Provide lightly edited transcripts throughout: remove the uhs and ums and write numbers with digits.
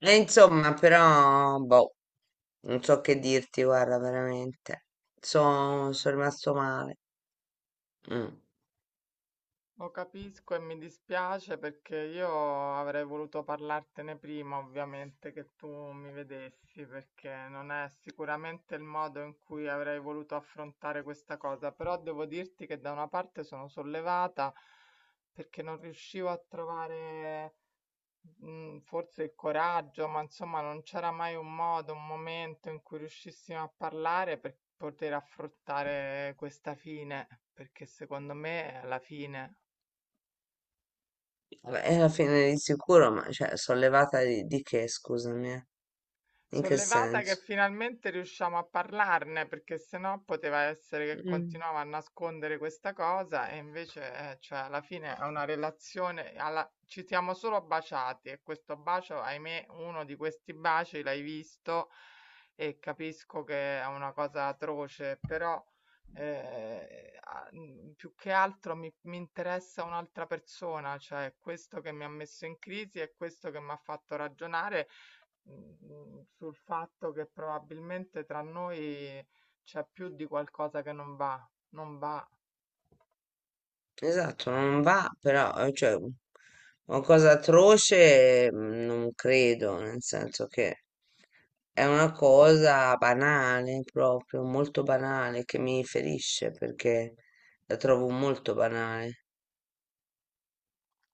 E insomma, però, boh, non so che dirti, guarda, veramente. Sono rimasto male. Mm. Lo capisco e mi dispiace perché io avrei voluto parlartene prima, ovviamente, che tu mi vedessi, perché non è sicuramente il modo in cui avrei voluto affrontare questa cosa, però devo dirti che da una parte sono sollevata perché non riuscivo a trovare forse il coraggio, ma insomma non c'era mai un modo, un momento in cui riuscissimo a parlare per poter affrontare questa fine, perché secondo me è la fine. Vabbè, e alla fine di sicuro, ma cioè, sono levata di che, scusami, eh? In Sono che levata che senso? finalmente riusciamo a parlarne, perché sennò poteva essere che Mm. continuava a nascondere questa cosa e invece, cioè, alla fine è una relazione, ci siamo solo baciati e questo bacio, ahimè, uno di questi baci l'hai visto e capisco che è una cosa atroce, però più che altro mi interessa un'altra persona, cioè questo che mi ha messo in crisi è questo che mi ha fatto ragionare sul fatto che probabilmente tra noi c'è più di qualcosa che non va, non va. Esatto, non va, però, cioè, una cosa atroce, mm, non credo, nel senso che è una cosa banale, proprio, molto banale, che mi ferisce, perché la trovo molto banale.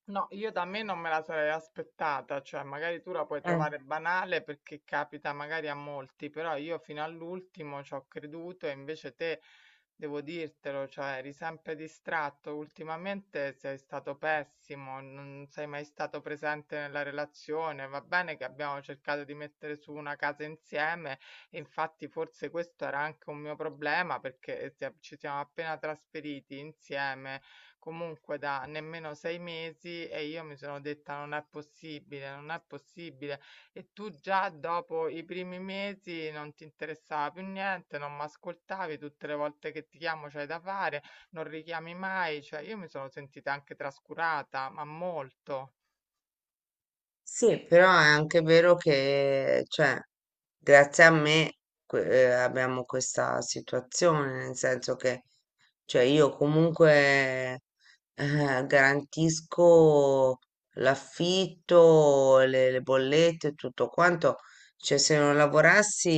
No, io da me non me la sarei aspettata, cioè magari tu la puoi trovare banale perché capita magari a molti, però io fino all'ultimo ci ho creduto e invece te, devo dirtelo, cioè eri sempre distratto, ultimamente sei stato pessimo, non sei mai stato presente nella relazione, va bene che abbiamo cercato di mettere su una casa insieme, e infatti forse questo era anche un mio problema perché ci siamo appena trasferiti insieme comunque da nemmeno 6 mesi e io mi sono detta non è possibile, non è possibile. E tu già dopo i primi mesi non ti interessava più niente, non mi ascoltavi, tutte le volte che ti chiamo c'hai da fare, non richiami mai, cioè io mi sono sentita anche trascurata, ma molto. Sì, però è anche vero che, cioè, grazie a me abbiamo questa situazione, nel senso che, cioè, io comunque garantisco l'affitto, le bollette, e tutto quanto. Cioè, se non lavorassi,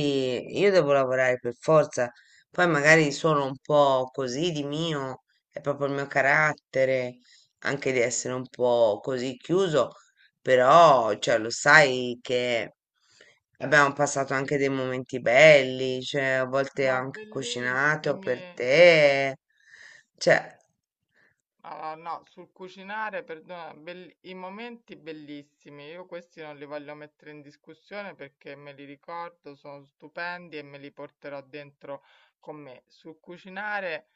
io devo lavorare per forza. Poi magari sono un po' così di mio, è proprio il mio carattere, anche di essere un po' così chiuso, però, cioè, lo sai che abbiamo passato anche dei momenti belli, cioè, a volte Ma ho anche cucinato bellissime. per te. Cioè, Allora, no, sul cucinare, perdona, i momenti bellissimi, io questi non li voglio mettere in discussione perché me li ricordo, sono stupendi e me li porterò dentro con me. Sul cucinare,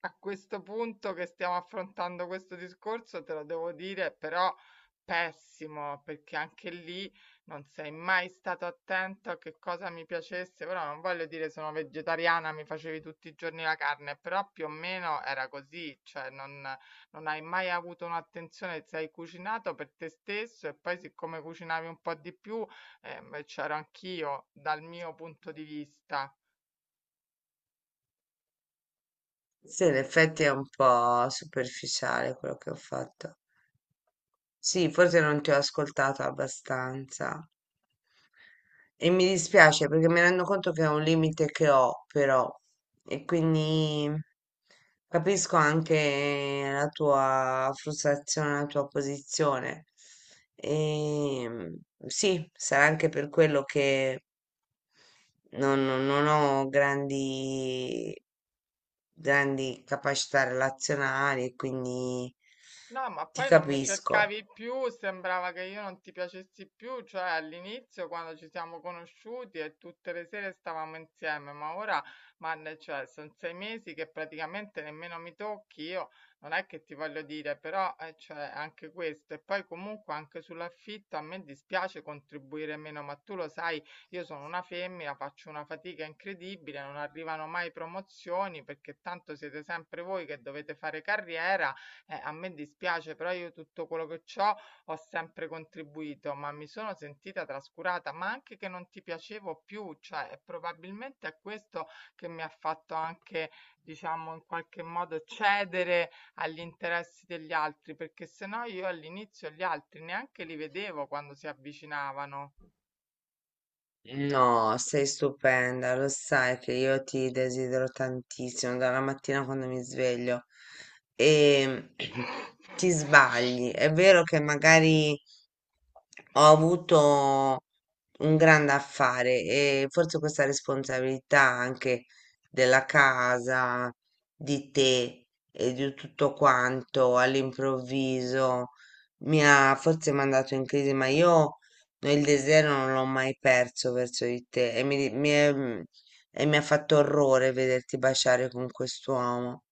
a questo punto che stiamo affrontando questo discorso, te lo devo dire, però pessimo, perché anche lì non sei mai stato attento a che cosa mi piacesse, però non voglio dire sono vegetariana, mi facevi tutti i giorni la carne, però più o meno era così, cioè non hai mai avuto un'attenzione, sei cucinato per te stesso e poi siccome cucinavi un po' di più, c'ero anch'io dal mio punto di vista. sì, in effetti è un po' superficiale quello che ho fatto. Sì, forse non ti ho ascoltato abbastanza. E mi dispiace perché mi rendo conto che è un limite che ho, però, e quindi capisco anche la tua frustrazione, la tua posizione. E sì, sarà anche per quello che non ho grandi, grandi capacità relazionali, e quindi No, ma ti poi non mi capisco. cercavi più, sembrava che io non ti piacessi più, cioè all'inizio quando ci siamo conosciuti e tutte le sere stavamo insieme, ma ora, cioè, sono 6 mesi che praticamente nemmeno mi tocchi, io non è che ti voglio dire, però cioè, anche questo, e poi comunque anche sull'affitto a me dispiace contribuire meno, ma tu lo sai, io sono una femmina, faccio una fatica incredibile, non arrivano mai promozioni perché tanto siete sempre voi che dovete fare carriera, a me dispiace, però io tutto quello che c'ho ho sempre contribuito, ma mi sono sentita trascurata, ma anche che non ti piacevo più, cioè e probabilmente è questo che mi ha fatto anche, diciamo, in qualche modo cedere agli interessi degli altri, perché se no io all'inizio gli altri neanche li vedevo quando si avvicinavano. No, sei stupenda, lo sai che io ti desidero tantissimo dalla mattina quando mi sveglio e ti sbagli. È vero che magari ho avuto un grande affare e forse questa responsabilità anche della casa, di te e di tutto quanto all'improvviso mi ha forse mandato in crisi, ma io il desiderio non l'ho mai perso verso di te e mi, e mi ha fatto orrore vederti baciare con quest'uomo,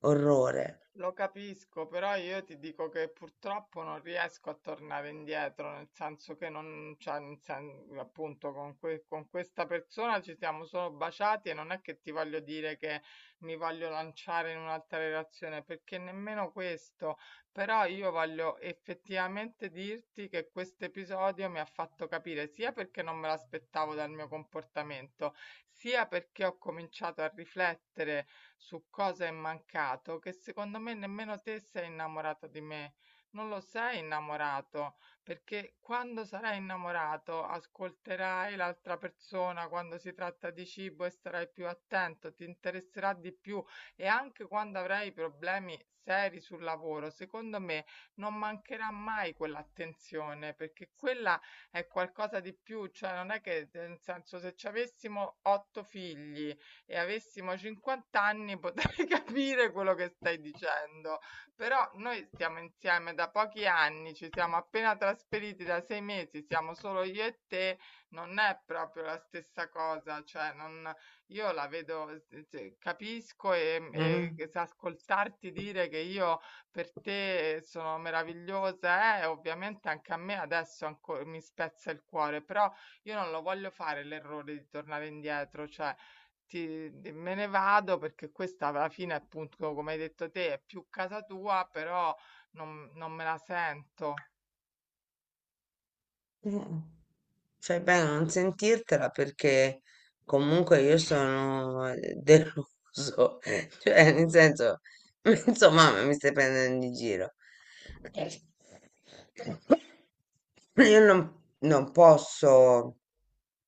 orrore. Lo capisco, però io ti dico che purtroppo non riesco a tornare indietro, nel senso che non, cioè, appunto, con questa persona ci siamo solo baciati e non è che ti voglio dire che mi voglio lanciare in un'altra relazione, perché nemmeno questo, però io voglio effettivamente dirti che questo episodio mi ha fatto capire sia perché non me l'aspettavo dal mio comportamento, sia perché ho cominciato a riflettere su cosa è mancato che secondo me nemmeno te sei innamorato di me. Non lo sei innamorato, perché quando sarai innamorato ascolterai l'altra persona quando si tratta di cibo e sarai più attento, ti interesserà di più e anche quando avrai problemi seri sul lavoro, secondo me non mancherà mai quell'attenzione, perché quella è qualcosa di più, cioè non è che nel senso se ci avessimo otto figli e avessimo 50 anni potrei capire quello che stai dicendo. Però noi stiamo insieme da pochi anni, ci siamo appena trasferiti da 6 mesi, siamo solo io e te, non è proprio la stessa cosa, cioè non, io la vedo, cioè, capisco e, Eh? e che se ascoltarti dire che io per te sono meravigliosa, ovviamente anche a me adesso mi spezza il cuore, però io non lo voglio fare l'errore di tornare indietro, cioè ti di me ne vado perché questa alla fine, appunto, come hai detto te, è più casa tua, però non me la sento. Mm. Fai bene a non sentirtela perché comunque io sono deluso, cioè nel senso, insomma, mi stai prendendo in giro. Io non posso,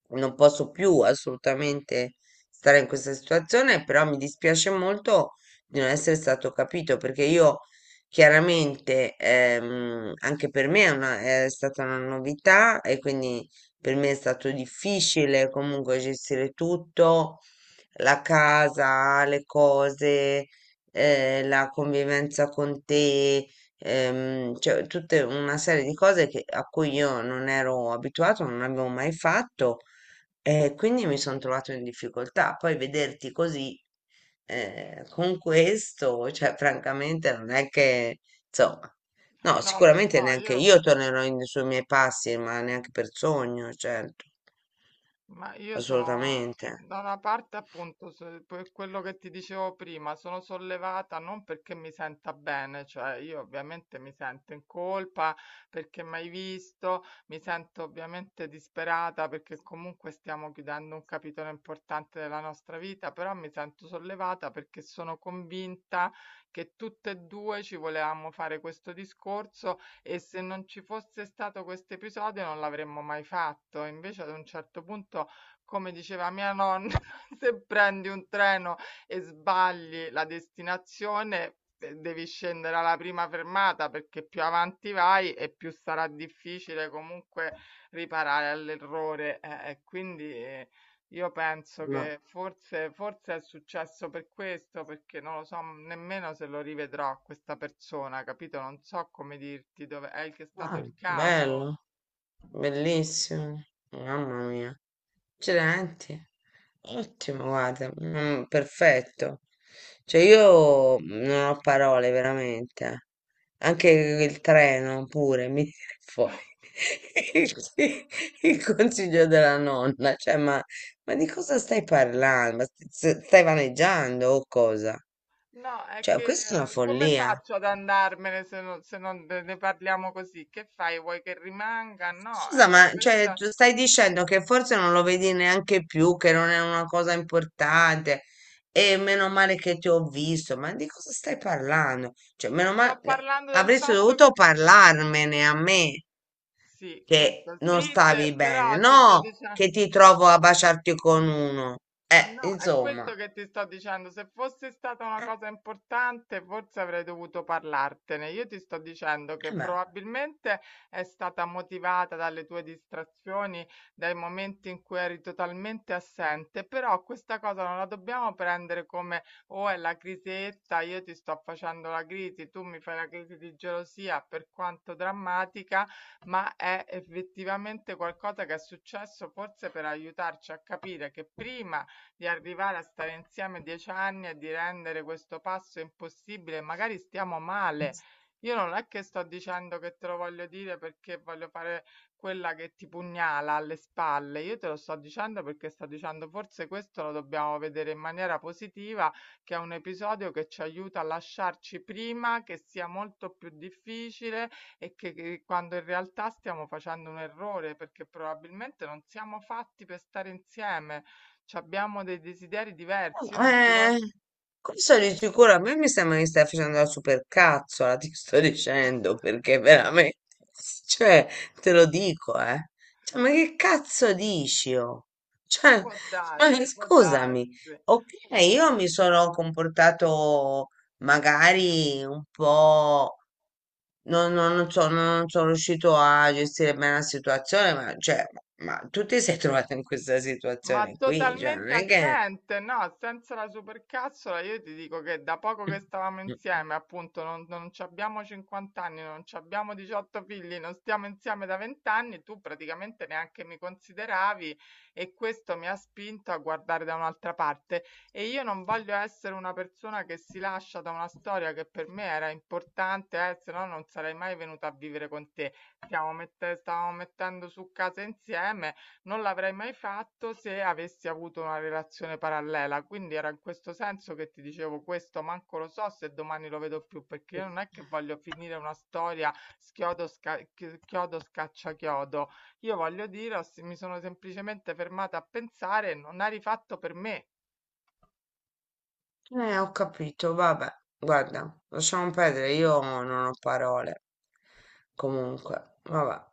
non posso più assolutamente stare in questa situazione, però mi dispiace molto di non essere stato capito perché io chiaramente anche per me è stata una novità e quindi per me è stato difficile comunque gestire tutto, la casa, le cose, la convivenza con te, cioè tutta una serie di cose a cui io non ero abituato, non avevo mai fatto e quindi mi sono trovato in difficoltà. Poi vederti così, con questo, cioè francamente non è che, insomma, no, No, lo so, sicuramente neanche io io sui miei passi, ma neanche per sogno, certo, Ma io sono assolutamente. da una parte appunto per quello che ti dicevo prima, sono sollevata non perché mi senta bene, cioè io ovviamente mi sento in colpa perché mai visto, mi sento ovviamente disperata perché comunque stiamo chiudendo un capitolo importante della nostra vita, però mi sento sollevata perché sono convinta che tutte e due ci volevamo fare questo discorso e se non ci fosse stato questo episodio non l'avremmo mai fatto. Invece ad un certo punto, come diceva mia nonna, se prendi un treno e sbagli la destinazione, devi scendere alla prima fermata perché più avanti vai e più sarà difficile comunque riparare all'errore. E quindi io penso No. che forse, forse è successo per questo, perché non lo so nemmeno se lo rivedrò questa persona, capito? Non so come dirti dove è che è stato Ah, il caso. bello, bellissimo, mamma mia. Accidenti, ottimo, guarda, mm, perfetto. Cioè io non ho parole veramente. Anche il treno pure mi viene fuori il, il consiglio della nonna. Cioè, ma di cosa stai parlando? Ma stai vaneggiando o cosa? No, è Cioè, che questa è una come follia. faccio ad andarmene se non ne parliamo così? Che fai? Vuoi che rimanga? No, Scusa, ma cioè, questa. tu stai dicendo che forse non lo vedi neanche più, che non è una cosa importante e meno male che ti ho visto, ma di cosa stai parlando? Cioè, meno Sto male, parlando del avresti fatto. dovuto parlarmene a me Sì, che questo non sì, stavi bene, però ti sto no dicendo. che ti trovo a baciarti con uno. Ah no, è questo Insomma, che ti sto dicendo. Se fosse stata una eh, cosa importante, forse avrei dovuto parlartene. Io ti sto dicendo che beh. probabilmente è stata motivata dalle tue distrazioni, dai momenti in cui eri totalmente assente, però questa cosa non la dobbiamo prendere come o è la crisetta, io ti sto facendo la crisi, tu mi fai la crisi di gelosia, per quanto drammatica, ma è effettivamente qualcosa che è successo forse per aiutarci a capire che prima di arrivare a stare insieme 10 anni e di rendere questo passo impossibile, magari stiamo male. Io non è che sto dicendo che te lo voglio dire perché voglio fare quella che ti pugnala alle spalle, io te lo sto dicendo perché sto dicendo forse questo lo dobbiamo vedere in maniera positiva, che è un episodio che ci aiuta a lasciarci prima, che sia molto più difficile e che quando in realtà stiamo facendo un errore perché probabilmente non siamo fatti per stare insieme, c'abbiamo dei desideri No, diversi, io non ti voglio. eh, questo di sicuro a me mi sembra che stai facendo la supercazzola, ti sto dicendo, perché veramente, cioè, te lo dico, eh. Cioè, ma che cazzo dici, oh? Cioè, Può ma darsi, può scusami, darsi, ok, può io mi darsi. sono comportato magari un po'... non so, non sono riuscito a gestire bene la situazione, ma, cioè, ma tu ti sei trovata in questa Ma situazione qui, cioè, non totalmente è che. assente, no, senza la supercazzola io ti dico che da poco che stavamo insieme, appunto, non ci abbiamo 50 anni, non ci abbiamo 18 figli, non stiamo insieme da 20 anni, tu praticamente neanche mi consideravi e questo mi ha spinto a guardare da un'altra parte e io non voglio essere una persona che si lascia da una storia che per me era importante, se no non sarei mai venuta a vivere con te. Stavamo mettendo su casa insieme non l'avrei mai fatto se avessi avuto una relazione parallela, quindi era in questo senso che ti dicevo questo, manco lo so se domani lo vedo più, perché io non è che voglio finire una storia chiodo, scaccia chiodo. Io voglio dire, mi sono semplicemente fermata a pensare, non ha rifatto per me. Ho capito, vabbè, guarda, lasciamo perdere, io non ho parole. Comunque, vabbè.